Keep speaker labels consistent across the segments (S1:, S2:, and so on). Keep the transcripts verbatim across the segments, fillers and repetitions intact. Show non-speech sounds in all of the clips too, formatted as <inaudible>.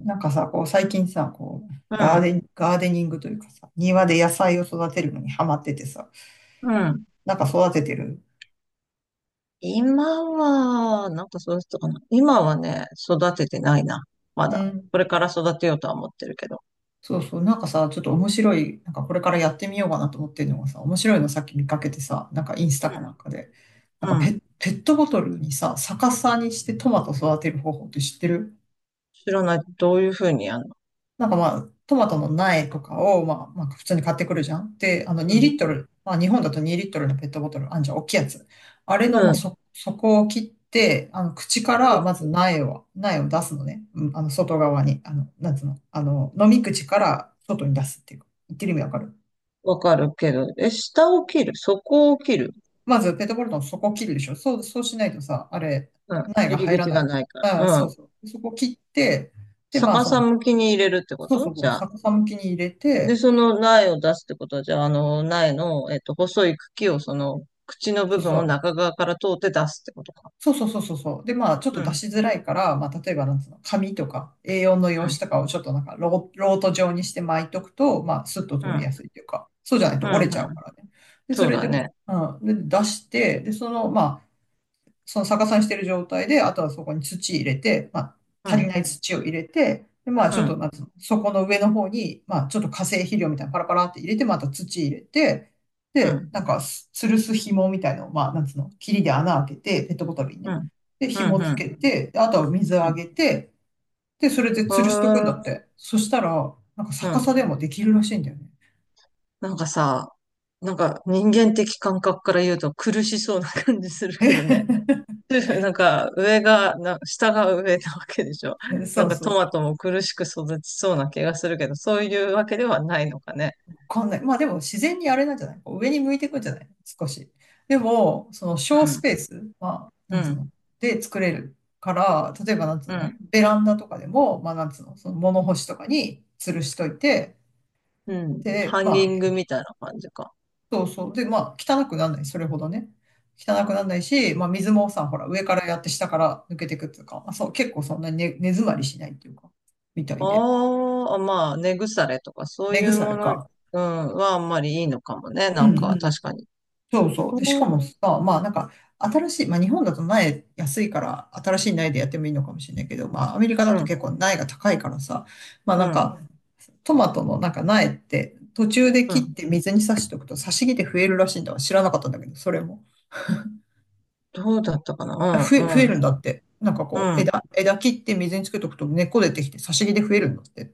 S1: なんかさ、こう最近さ、こう、
S2: う
S1: ガー
S2: ん、
S1: デン、ガーデニングというかさ、庭で野菜を育てるのにハマっててさ、
S2: うん。
S1: なんか育ててる。
S2: 今は、なんかそうしたかな。今はね、育ててないな。ま
S1: う
S2: だ。
S1: ん。
S2: これから育てようとは思ってるけど。
S1: そうそう、なんかさ、ちょっと面白い、なんかこれからやってみようかなと思ってるのがさ、面白いのさっき見かけてさ、なんかインスタ
S2: う
S1: かなん
S2: ん。
S1: かで、なんか
S2: うん。
S1: ペ、ペットボトルにさ、逆さにしてトマト育てる方法って知ってる？
S2: 知らない。どういうふうにやるの？
S1: なんかまあ、トマトの苗とかを、まあ、まあ、普通に買ってくるじゃん。で、あの、
S2: うん。
S1: にリットルリットル、まあ、日本だとにリットルリットルのペットボトル、あんじゃん、大きいやつ。あれ
S2: う
S1: の、まあ、
S2: ん。
S1: そ、底を切って、あの、口から、まず苗を、苗を出すのね。うん、あの、外側に、あの、なんつうの、あの、飲み口から外に出すっていうか、言ってる意味わかる？
S2: わかるけど。え、下を切る。そこを切る。
S1: まず、ペットボトルの底を切るでしょ。そう、そうしないとさ、あれ、
S2: うん。
S1: 苗が
S2: 入り
S1: 入ら
S2: 口
S1: な
S2: が
S1: い。
S2: ないか
S1: あ、
S2: ら。
S1: そ
S2: う
S1: う
S2: ん。
S1: そう。そこを切って、で、まあ、
S2: 逆
S1: そ
S2: さ
S1: の、
S2: 向きに入れるってこ
S1: そう
S2: と
S1: そうそ
S2: じ
S1: う、
S2: ゃあ。
S1: 逆さ向きに入れ
S2: で、
S1: て、
S2: その苗を出すってことは、じゃあ、あの、苗の、えっと、細い茎を、その、口の
S1: そ
S2: 部
S1: う
S2: 分
S1: そ
S2: を
S1: う。
S2: 中側から通って出すってことか。
S1: そうそうそうそうそう。で、まあ、ちょっ
S2: う
S1: と出
S2: ん。
S1: しづらいから、まあ、例えば、なんつうの、紙とか エーよん の用
S2: う
S1: 紙
S2: ん。
S1: とかをちょっとなんかロー、ロート状にして巻いとくと、まあ、スッと通
S2: う
S1: り
S2: ん。
S1: やすいというか、そうじゃない
S2: う
S1: と
S2: ん。
S1: 折れち
S2: う
S1: ゃうか
S2: ん。
S1: らね。で、そ
S2: そう
S1: れ
S2: だ
S1: で、うん、
S2: ね。
S1: で出して、で、その、まあ、その逆さにしてる状態で、あとはそこに土入れて、まあ、
S2: う
S1: 足り
S2: ん、
S1: ない土を入れて、で、まあ、
S2: う
S1: ちょっと、
S2: ん、
S1: なんつうの、そこの上の方に、まあ、ちょっと化成肥料みたいなのパラパラって入れて、また土入れて、
S2: う
S1: で、
S2: ん、
S1: なんか、す吊るす紐みたいのを、まあ、なんつうの、霧で穴開けて、ペットボトルに
S2: う
S1: ね。
S2: ん、
S1: で、
S2: う
S1: 紐
S2: ん、
S1: つ
S2: うん、
S1: けて、であとは水
S2: う
S1: あ
S2: ん。
S1: げて、で、それで
S2: へ
S1: 吊るしとくんだっ
S2: ー。
S1: て。そしたら、なんか
S2: う
S1: 逆さ
S2: ん。
S1: でもできるらしいんだよね。
S2: なんかさ、なんか人間的感覚から言うと苦しそうな感じするけどね。<laughs> なんか上が、な下が上なわけでしょ。
S1: <laughs>
S2: な
S1: そ
S2: ん
S1: う
S2: か
S1: そ
S2: ト
S1: う。
S2: マトも苦しく育ちそうな気がするけど、そういうわけではないのかね。
S1: わかんない。まあでも自然にあれなんじゃない？上に向いていくんじゃない？少し。でも、その
S2: う
S1: 小ス
S2: ん、
S1: ペースはな
S2: う
S1: んつう
S2: ん、
S1: ので作れるから、例えばなんつう
S2: う
S1: の
S2: ん、
S1: ベランダとかでも、まあなんつうのその物干しとかに吊るしといて、
S2: うん。
S1: で、
S2: ハンギ
S1: まあ、
S2: ングみたいな感じか。
S1: そうそう。で、まあ汚くならない。それほどね。汚くならないし、まあ水もさ、ほら上からやって下から抜けていくっていうか、まあそう、結構そんなに根、根詰まりしないっていうか、みたいで。
S2: ああ、まあ、根腐れとかそうい
S1: 根
S2: う
S1: 腐
S2: も
S1: れ
S2: の、
S1: か。
S2: うん、はあんまりいいのかもね。
S1: う
S2: なんか
S1: ん、
S2: 確かに。
S1: そうそう。で、し
S2: うん、
S1: かもさ、まあなんか、新しい、まあ日本だと苗安いから、新しい苗でやってもいいのかもしれないけど、まあアメリカだと結構苗が高いからさ、まあ
S2: う
S1: なん
S2: ん、
S1: か、トマトのなんか苗って途中で
S2: う
S1: 切っ
S2: ん。
S1: て水に挿しておくと挿し木で増えるらしいんだわ。知らなかったんだけど、それも。
S2: どうだったかな。
S1: 増
S2: う
S1: え、増
S2: ん、
S1: え
S2: うん、
S1: るんだって。なんか
S2: う
S1: こう、
S2: ん。
S1: 枝、枝切って水につけとくと根っこ出てきて挿し木で増えるんだって。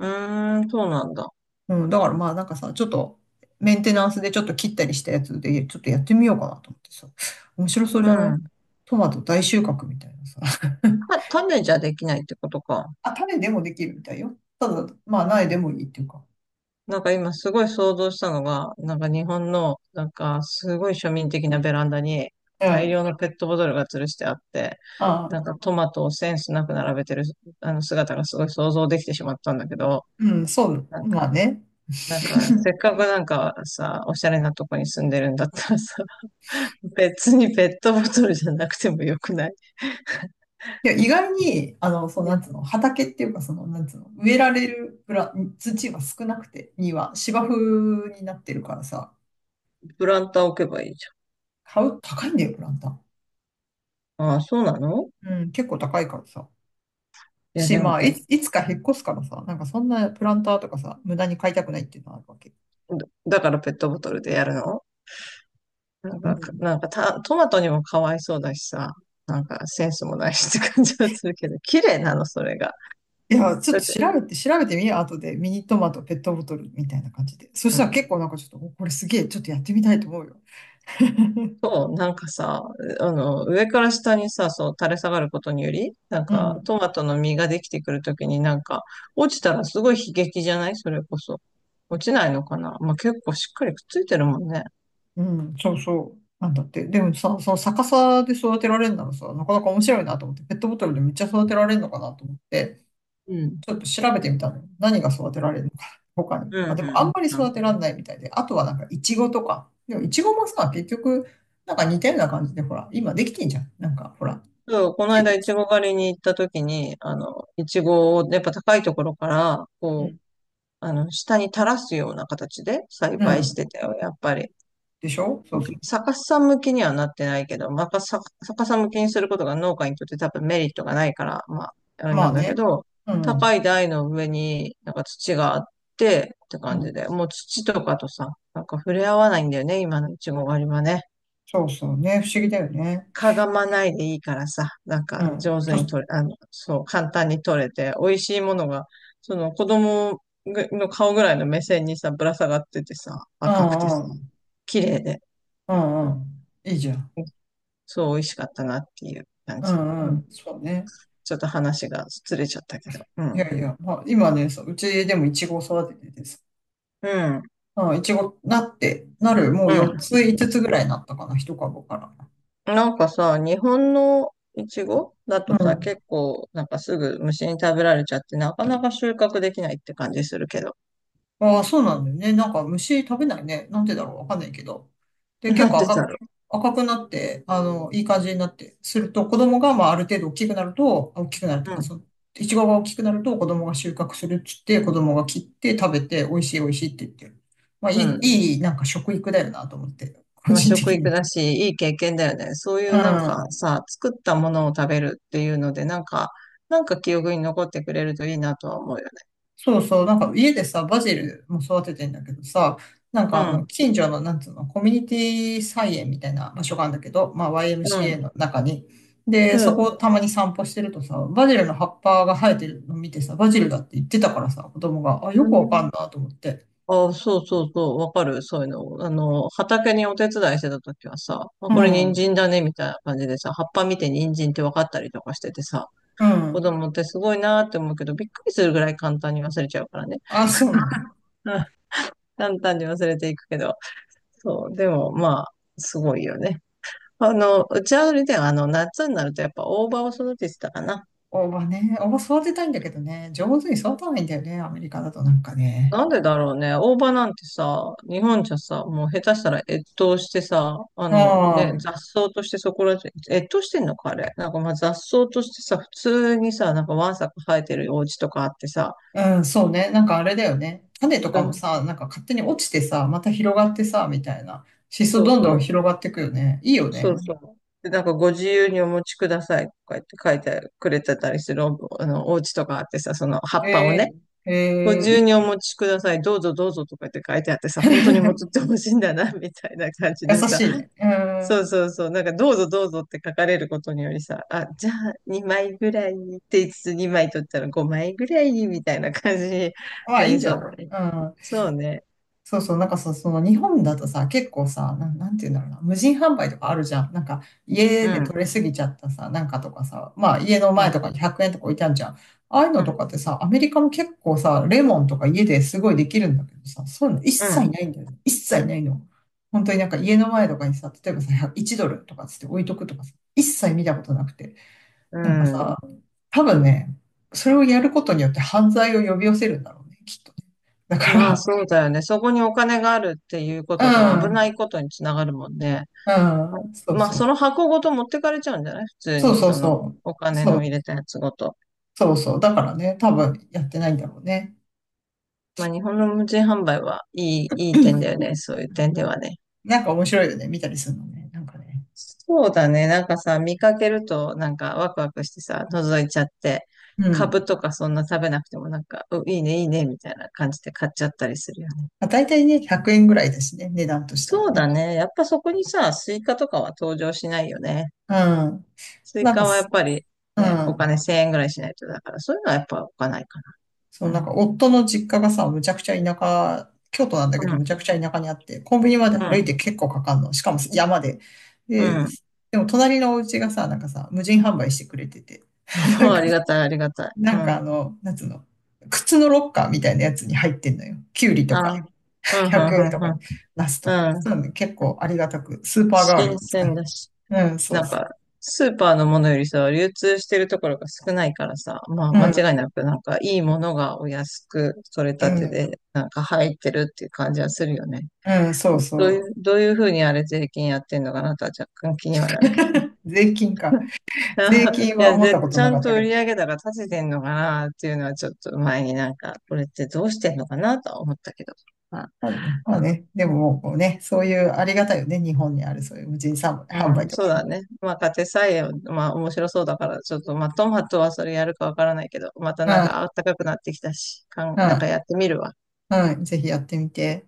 S2: うーん、そうなんだ。
S1: うん、だからまあなんかさ、ちょっとメンテナンスでちょっと切ったりしたやつで、ちょっとやってみようかなと思ってさ。面白そう
S2: う
S1: じゃない？
S2: ん。
S1: トマト大収穫みたいなさ。<laughs>
S2: た種じゃできないってことか。
S1: あ、種でもできるみたいよ。ただ、まあ苗でもいいっていうか。
S2: なんか今すごい想像したのが、なんか日本の、なんかすごい庶民的なベランダに
S1: うん。
S2: 大量
S1: あ
S2: のペットボトルが吊るしてあって、
S1: あ、
S2: なんかトマトをセンスなく並べてるあの姿がすごい想像できてしまったんだけど、
S1: うん、そう、
S2: なん
S1: ま
S2: か、
S1: あね。
S2: なんかせっかくなんかさ、おしゃれなとこに住んでるんだったらさ、<laughs> 別にペットボトルじゃなくてもよくない？
S1: いや、意外に、あの、そう、なんつうの、畑っていうか、その、なんつうの、植えられるプラ、土が少なくて、には芝生になってるからさ、
S2: プランター置けばいいじ
S1: 買う、高いんだよ、プランター。
S2: ゃん。ああ、そうなの？
S1: うん、結構高いからさ。
S2: いや、
S1: し、
S2: でも
S1: まあ、
S2: ペ
S1: いつ、いつか引っ越すからさ、なんかそんなプランターとかさ、無駄に買いたくないっていうのはあるわけ。
S2: だからペットボトルでやるの？なん
S1: う
S2: か、
S1: ん。
S2: なんかた、トマトにもかわいそうだしさ、なんかセンスもないしって感じはするけど、綺麗なの、それが。
S1: いや、ちょっ
S2: だっ
S1: と
S2: て、
S1: 調べて、調べてみよう、後で。ミニトマト、ペットボトルみたいな感じで。そし
S2: う
S1: たら
S2: ん。
S1: 結構なんかちょっと、おこれすげえ、ちょっとやってみたいと思うよ。<laughs>
S2: そう、なんかさ、あの、上から下にさ、そう、垂れ下がることにより、なん
S1: う
S2: か、
S1: ん、
S2: トマトの実ができてくるときになんか、落ちたらすごい悲劇じゃない？それこそ。落ちないのかな。まあ、結構しっかりくっついてるもんね。
S1: うん、そうそう。なんだって。でもさ、その逆さで育てられるならさ、なかなか面白いなと思って、ペットボトルでめっちゃ育てられるのかなと思って、
S2: うん。
S1: ちょっと調べてみたの。何が育てられるのか、他に。
S2: うん、
S1: まあ、
S2: う
S1: で
S2: ん、う
S1: も
S2: ん。
S1: あんまり
S2: な
S1: 育
S2: る
S1: てられないみたいで、あとはなんかイチゴとか。でもイチゴもさ、結局、なんか似たような感じで、ほら、今できてんじゃん。なんか、ほら。
S2: ほど。こ
S1: い
S2: の
S1: ちい
S2: 間、いち
S1: ち、
S2: ご狩りに行った時に、あの、いちごを、やっぱ高いところから、
S1: う
S2: こう、
S1: ん。
S2: あの、下に垂らすような形で栽
S1: う
S2: 培し
S1: ん、
S2: てたよ、やっぱり。
S1: でしょ？そうそう。
S2: 逆さ向きにはなってないけど、まあ、逆さ逆さ向きにすることが農家にとって多分メリットがないから、まあ、あれ
S1: ま
S2: な
S1: あ
S2: んだけ
S1: ね。
S2: ど、
S1: うん。
S2: 高い台の上になんか土があってって
S1: う
S2: 感じ
S1: ん。
S2: で、もう土とかとさ、なんか触れ合わないんだよね、今のいちご狩りはね。
S1: そうそうね。不思議だよね。
S2: かがまないでいいからさ、なん
S1: う
S2: か
S1: ん。
S2: 上
S1: と
S2: 手に
S1: し、
S2: 取れ、あの、そう、簡単に取れて、美味しいものが、その子供ぐの顔ぐらいの目線にさ、ぶら下がっててさ、
S1: う
S2: 赤くて
S1: んう
S2: さ、
S1: ん。
S2: 綺麗で、
S1: うんうん。いいじゃん。
S2: うん、そう、美味しかったなっていう感
S1: う
S2: じ。
S1: んう
S2: うん。
S1: ん。そうね。
S2: ちょっと話がずれちゃったけど。う
S1: い
S2: ん。
S1: やいや、まあ、今ね、そう、うちでもイチゴを育てててさ、
S2: うん。
S1: うん、いちごなって、なる、も
S2: う
S1: う4
S2: ん。
S1: つ、いつつつぐらいなったかな、ひとかぶ株から。
S2: なんかさ、日本のイチゴだ
S1: う
S2: とさ、
S1: ん。
S2: 結構、なんかすぐ虫に食べられちゃって、なかなか収穫できないって感じするけど。
S1: ああ、そうなんだよね。なんか虫食べないね。なんでだろう、わかんないけど。で、結
S2: なん
S1: 構
S2: でだ
S1: 赤く、
S2: ろ
S1: 赤くなって、あの、いい感じになって、すると子供が、まあ、ある程度大きくなると、大きくなるっていう
S2: う。う
S1: か、
S2: ん。
S1: その、いちごが大きくなると子供が収穫するっつって、子供が切って食べて、美味しい美味しいって言ってる。まあ、い
S2: う
S1: い、
S2: ん。
S1: いい、なんか食育だよなと思って、個
S2: まあ、
S1: 人
S2: 食
S1: 的
S2: 育
S1: に。
S2: だし、いい経験だよね。そうい
S1: う
S2: うなんか
S1: ん。
S2: さ、作ったものを食べるっていうので、なんか、なんか記憶に残ってくれるといいなとは思うよね。
S1: そうそう、なんか家でさ、バジルも育ててんだけどさ、なん
S2: う
S1: かあの、
S2: ん。
S1: 近所の、なんつうの、コミュニティ菜園みたいな場所があるんだけど、まあ ワイエムシーエー の中に。で、
S2: う
S1: そ
S2: ん。
S1: こたまに散歩してるとさ、バジルの葉っぱが生えてるの見てさ、バジルだって言ってたからさ、子供が、あ、よ
S2: う
S1: くわ
S2: ん。
S1: かんなと思って。
S2: あ、そうそうそう、わかる。そういうの。あの、畑にお手伝いしてた時はさ、あ、
S1: うん、
S2: これ人
S1: ん
S2: 参だね、みたいな感じでさ、葉っぱ見て人参って分かったりとかしててさ、
S1: う
S2: 子
S1: ん。
S2: 供ってすごいなーって思うけど、びっくりするぐらい簡単に忘れちゃうからね。
S1: あ、そうなの。
S2: うん、簡単に忘れていくけど。そう、でもまあ、すごいよね。あの、うちはあれだよ。あの、夏になるとやっぱ大葉を育ててたかな。
S1: 大葉ね。大葉育てたいんだけどね、上手に育たないんだよね、アメリカだとなんかね。
S2: なんでだろうね。大葉なんてさ、日本じゃさ、もう下手したら越冬してさ、あ
S1: う
S2: のね、
S1: ん。
S2: 雑草としてそこら中、越冬してんのかあれ。なんかまあ雑草としてさ、普通にさ、なんかわんさか生えてるお家とかあってさ、
S1: うん、そうね。なんかあれだよね。種と
S2: う
S1: かも
S2: ん、
S1: さ、なんか勝手に落ちてさ、また広がってさ、みたいな。シソ
S2: そう
S1: どん
S2: そ
S1: どん
S2: う、
S1: 広がってくよね。いいよ
S2: そう
S1: ね。
S2: そう。で、なんかご自由にお持ちくださいとか言って書いてくれてたりするお、あの、お家とかあってさ、その葉っぱを
S1: え
S2: ね、
S1: ー、
S2: ご
S1: えー、
S2: 自
S1: い
S2: 由
S1: い。
S2: にお持ちください。どうぞどうぞとかって書いてあってさ、本当に持っ
S1: <laughs>
S2: てほしいんだな、みたいな感じ
S1: 優
S2: でさ。
S1: しいね。う
S2: そう
S1: ん。
S2: そうそう。なんか、どうぞどうぞって書かれることによりさ、あ、じゃあにまいぐらいって言いつつにまい取ったらごまいぐらいみたいな感じに
S1: まあ、
S2: な
S1: いい
S2: り
S1: んじ
S2: そ
S1: ゃ
S2: うだ
S1: ない？
S2: ね。
S1: うん。
S2: そうね。
S1: そうそう、なんかさ、その日本だとさ、結構さ、なん、なんて言うんだろうな、無人販売とかあるじゃん。なんか家
S2: う
S1: で取
S2: ん。
S1: れすぎちゃったさ、なんかとかさ、まあ家の
S2: う
S1: 前
S2: ん。
S1: とかにひゃくえんとか置いてあるじゃん。ああいうのとかってさ、アメリカも結構さ、レモンとか家ですごいできるんだけどさ、そういうの一
S2: う
S1: 切
S2: ん。
S1: ないんだよね。一切ないの。本当になんか家の前とかにさ、例えばさ、じゅうドルとかつって置いとくとかさ、一切見たことなくて。
S2: う
S1: なんか
S2: ん。
S1: さ、多分ね、それをやることによって犯罪を呼び寄せるんだろうね、きっとね。だか
S2: まあ、
S1: ら、
S2: そうだよね。そこにお金があるっていうこ
S1: う
S2: とが危な
S1: ん。
S2: いことにつながるもんね。
S1: うん、そう
S2: まあ、
S1: そ
S2: そ
S1: う。
S2: の箱ごと持ってかれちゃうんじゃない？普通
S1: そう
S2: に、
S1: そう
S2: その
S1: そ
S2: お
S1: う。
S2: 金
S1: そ
S2: の入
S1: う、
S2: れたやつごと。
S1: そうそう。だからね、多分やってないんだろうね。
S2: まあ、日本の無人販売はいい、い
S1: う
S2: い点だ
S1: ん、
S2: よね。そういう点ではね。
S1: なんか面白いよね、見たりするのね。なんかね。
S2: そうだね。なんかさ、見かけると、なんかワクワクしてさ、覗いちゃって、
S1: うん。
S2: 株とかそんな食べなくても、なんか、う、いいね、いいね、みたいな感じで買っちゃったりするよね。
S1: まあ、大体ね、ひゃくえんぐらいだしね、値段とした
S2: そ
S1: ら
S2: う
S1: ね。
S2: だね。やっぱそこにさ、スイカとかは登場しないよね。
S1: うん。
S2: スイ
S1: なんか
S2: カはや
S1: す、
S2: っぱり
S1: う
S2: ね、お
S1: ん。
S2: 金せんえんぐらいしないと、だからそういうのはやっぱ置かないか
S1: そう、
S2: な。う
S1: なん
S2: ん。
S1: か夫の実家がさ、むちゃくちゃ田舎、京都なんだけ
S2: う
S1: ど、
S2: ん。
S1: むちゃくちゃ田舎にあって、コンビニまで歩いて結構かかんの。しかも山で。
S2: うん。
S1: で、
S2: うん。
S1: でも隣のお家がさ、なんかさ、無人販売してくれてて、
S2: <laughs> ありがたい、ありがたい。
S1: な
S2: う
S1: んか
S2: ん。
S1: あの、なんつうの、靴のロッカーみたいなやつに入ってんのよ。キュウリと
S2: あ、う
S1: か、
S2: ん、う
S1: 100
S2: ん、
S1: 円
S2: う
S1: と
S2: ん、う
S1: か、ナスとか。
S2: ん。うん。
S1: なんで結構ありがたく、スーパー代わり
S2: 新
S1: に使
S2: 鮮
S1: う。
S2: だし、
S1: うん、そ
S2: な
S1: う
S2: ん
S1: そう。
S2: か、スーパーのものよりさ、流通してるところが少ないからさ、まあ
S1: う
S2: 間
S1: ん、
S2: 違いなくなんかいいものがお安く取れ
S1: う
S2: たて
S1: ん、
S2: でなんか入ってるっていう感じはするよね。
S1: うん、そうそ
S2: どうい
S1: う。
S2: う、どういうふうにあれ税金やってんのかなとは若干気にはなるけど。
S1: <laughs> 税金か。税
S2: <laughs>
S1: 金
S2: い
S1: は
S2: や、
S1: 思った
S2: で、
S1: こと
S2: ち
S1: な
S2: ゃ
S1: か
S2: ん
S1: った
S2: と
S1: け
S2: 売り
S1: ど。
S2: 上げ高立ててんのかなっていうのはちょっと前になんか、これってどうしてんのかなとは思ったけど。まあ
S1: まあね、まあねでももうこうね、そういうありがたいよね、日本にあるそういう無人販
S2: う
S1: 売
S2: ん、
S1: と
S2: そ
S1: か
S2: う
S1: ね。
S2: だね。まあ、家庭菜園、まあ、面白そうだから、ちょっと、まあ、トマトはそれやるかわからないけど、また
S1: う
S2: なん
S1: ん、
S2: か暖かくなってきたし、かん、なんか
S1: う
S2: やってみるわ。
S1: ん、うん、ぜひやってみて。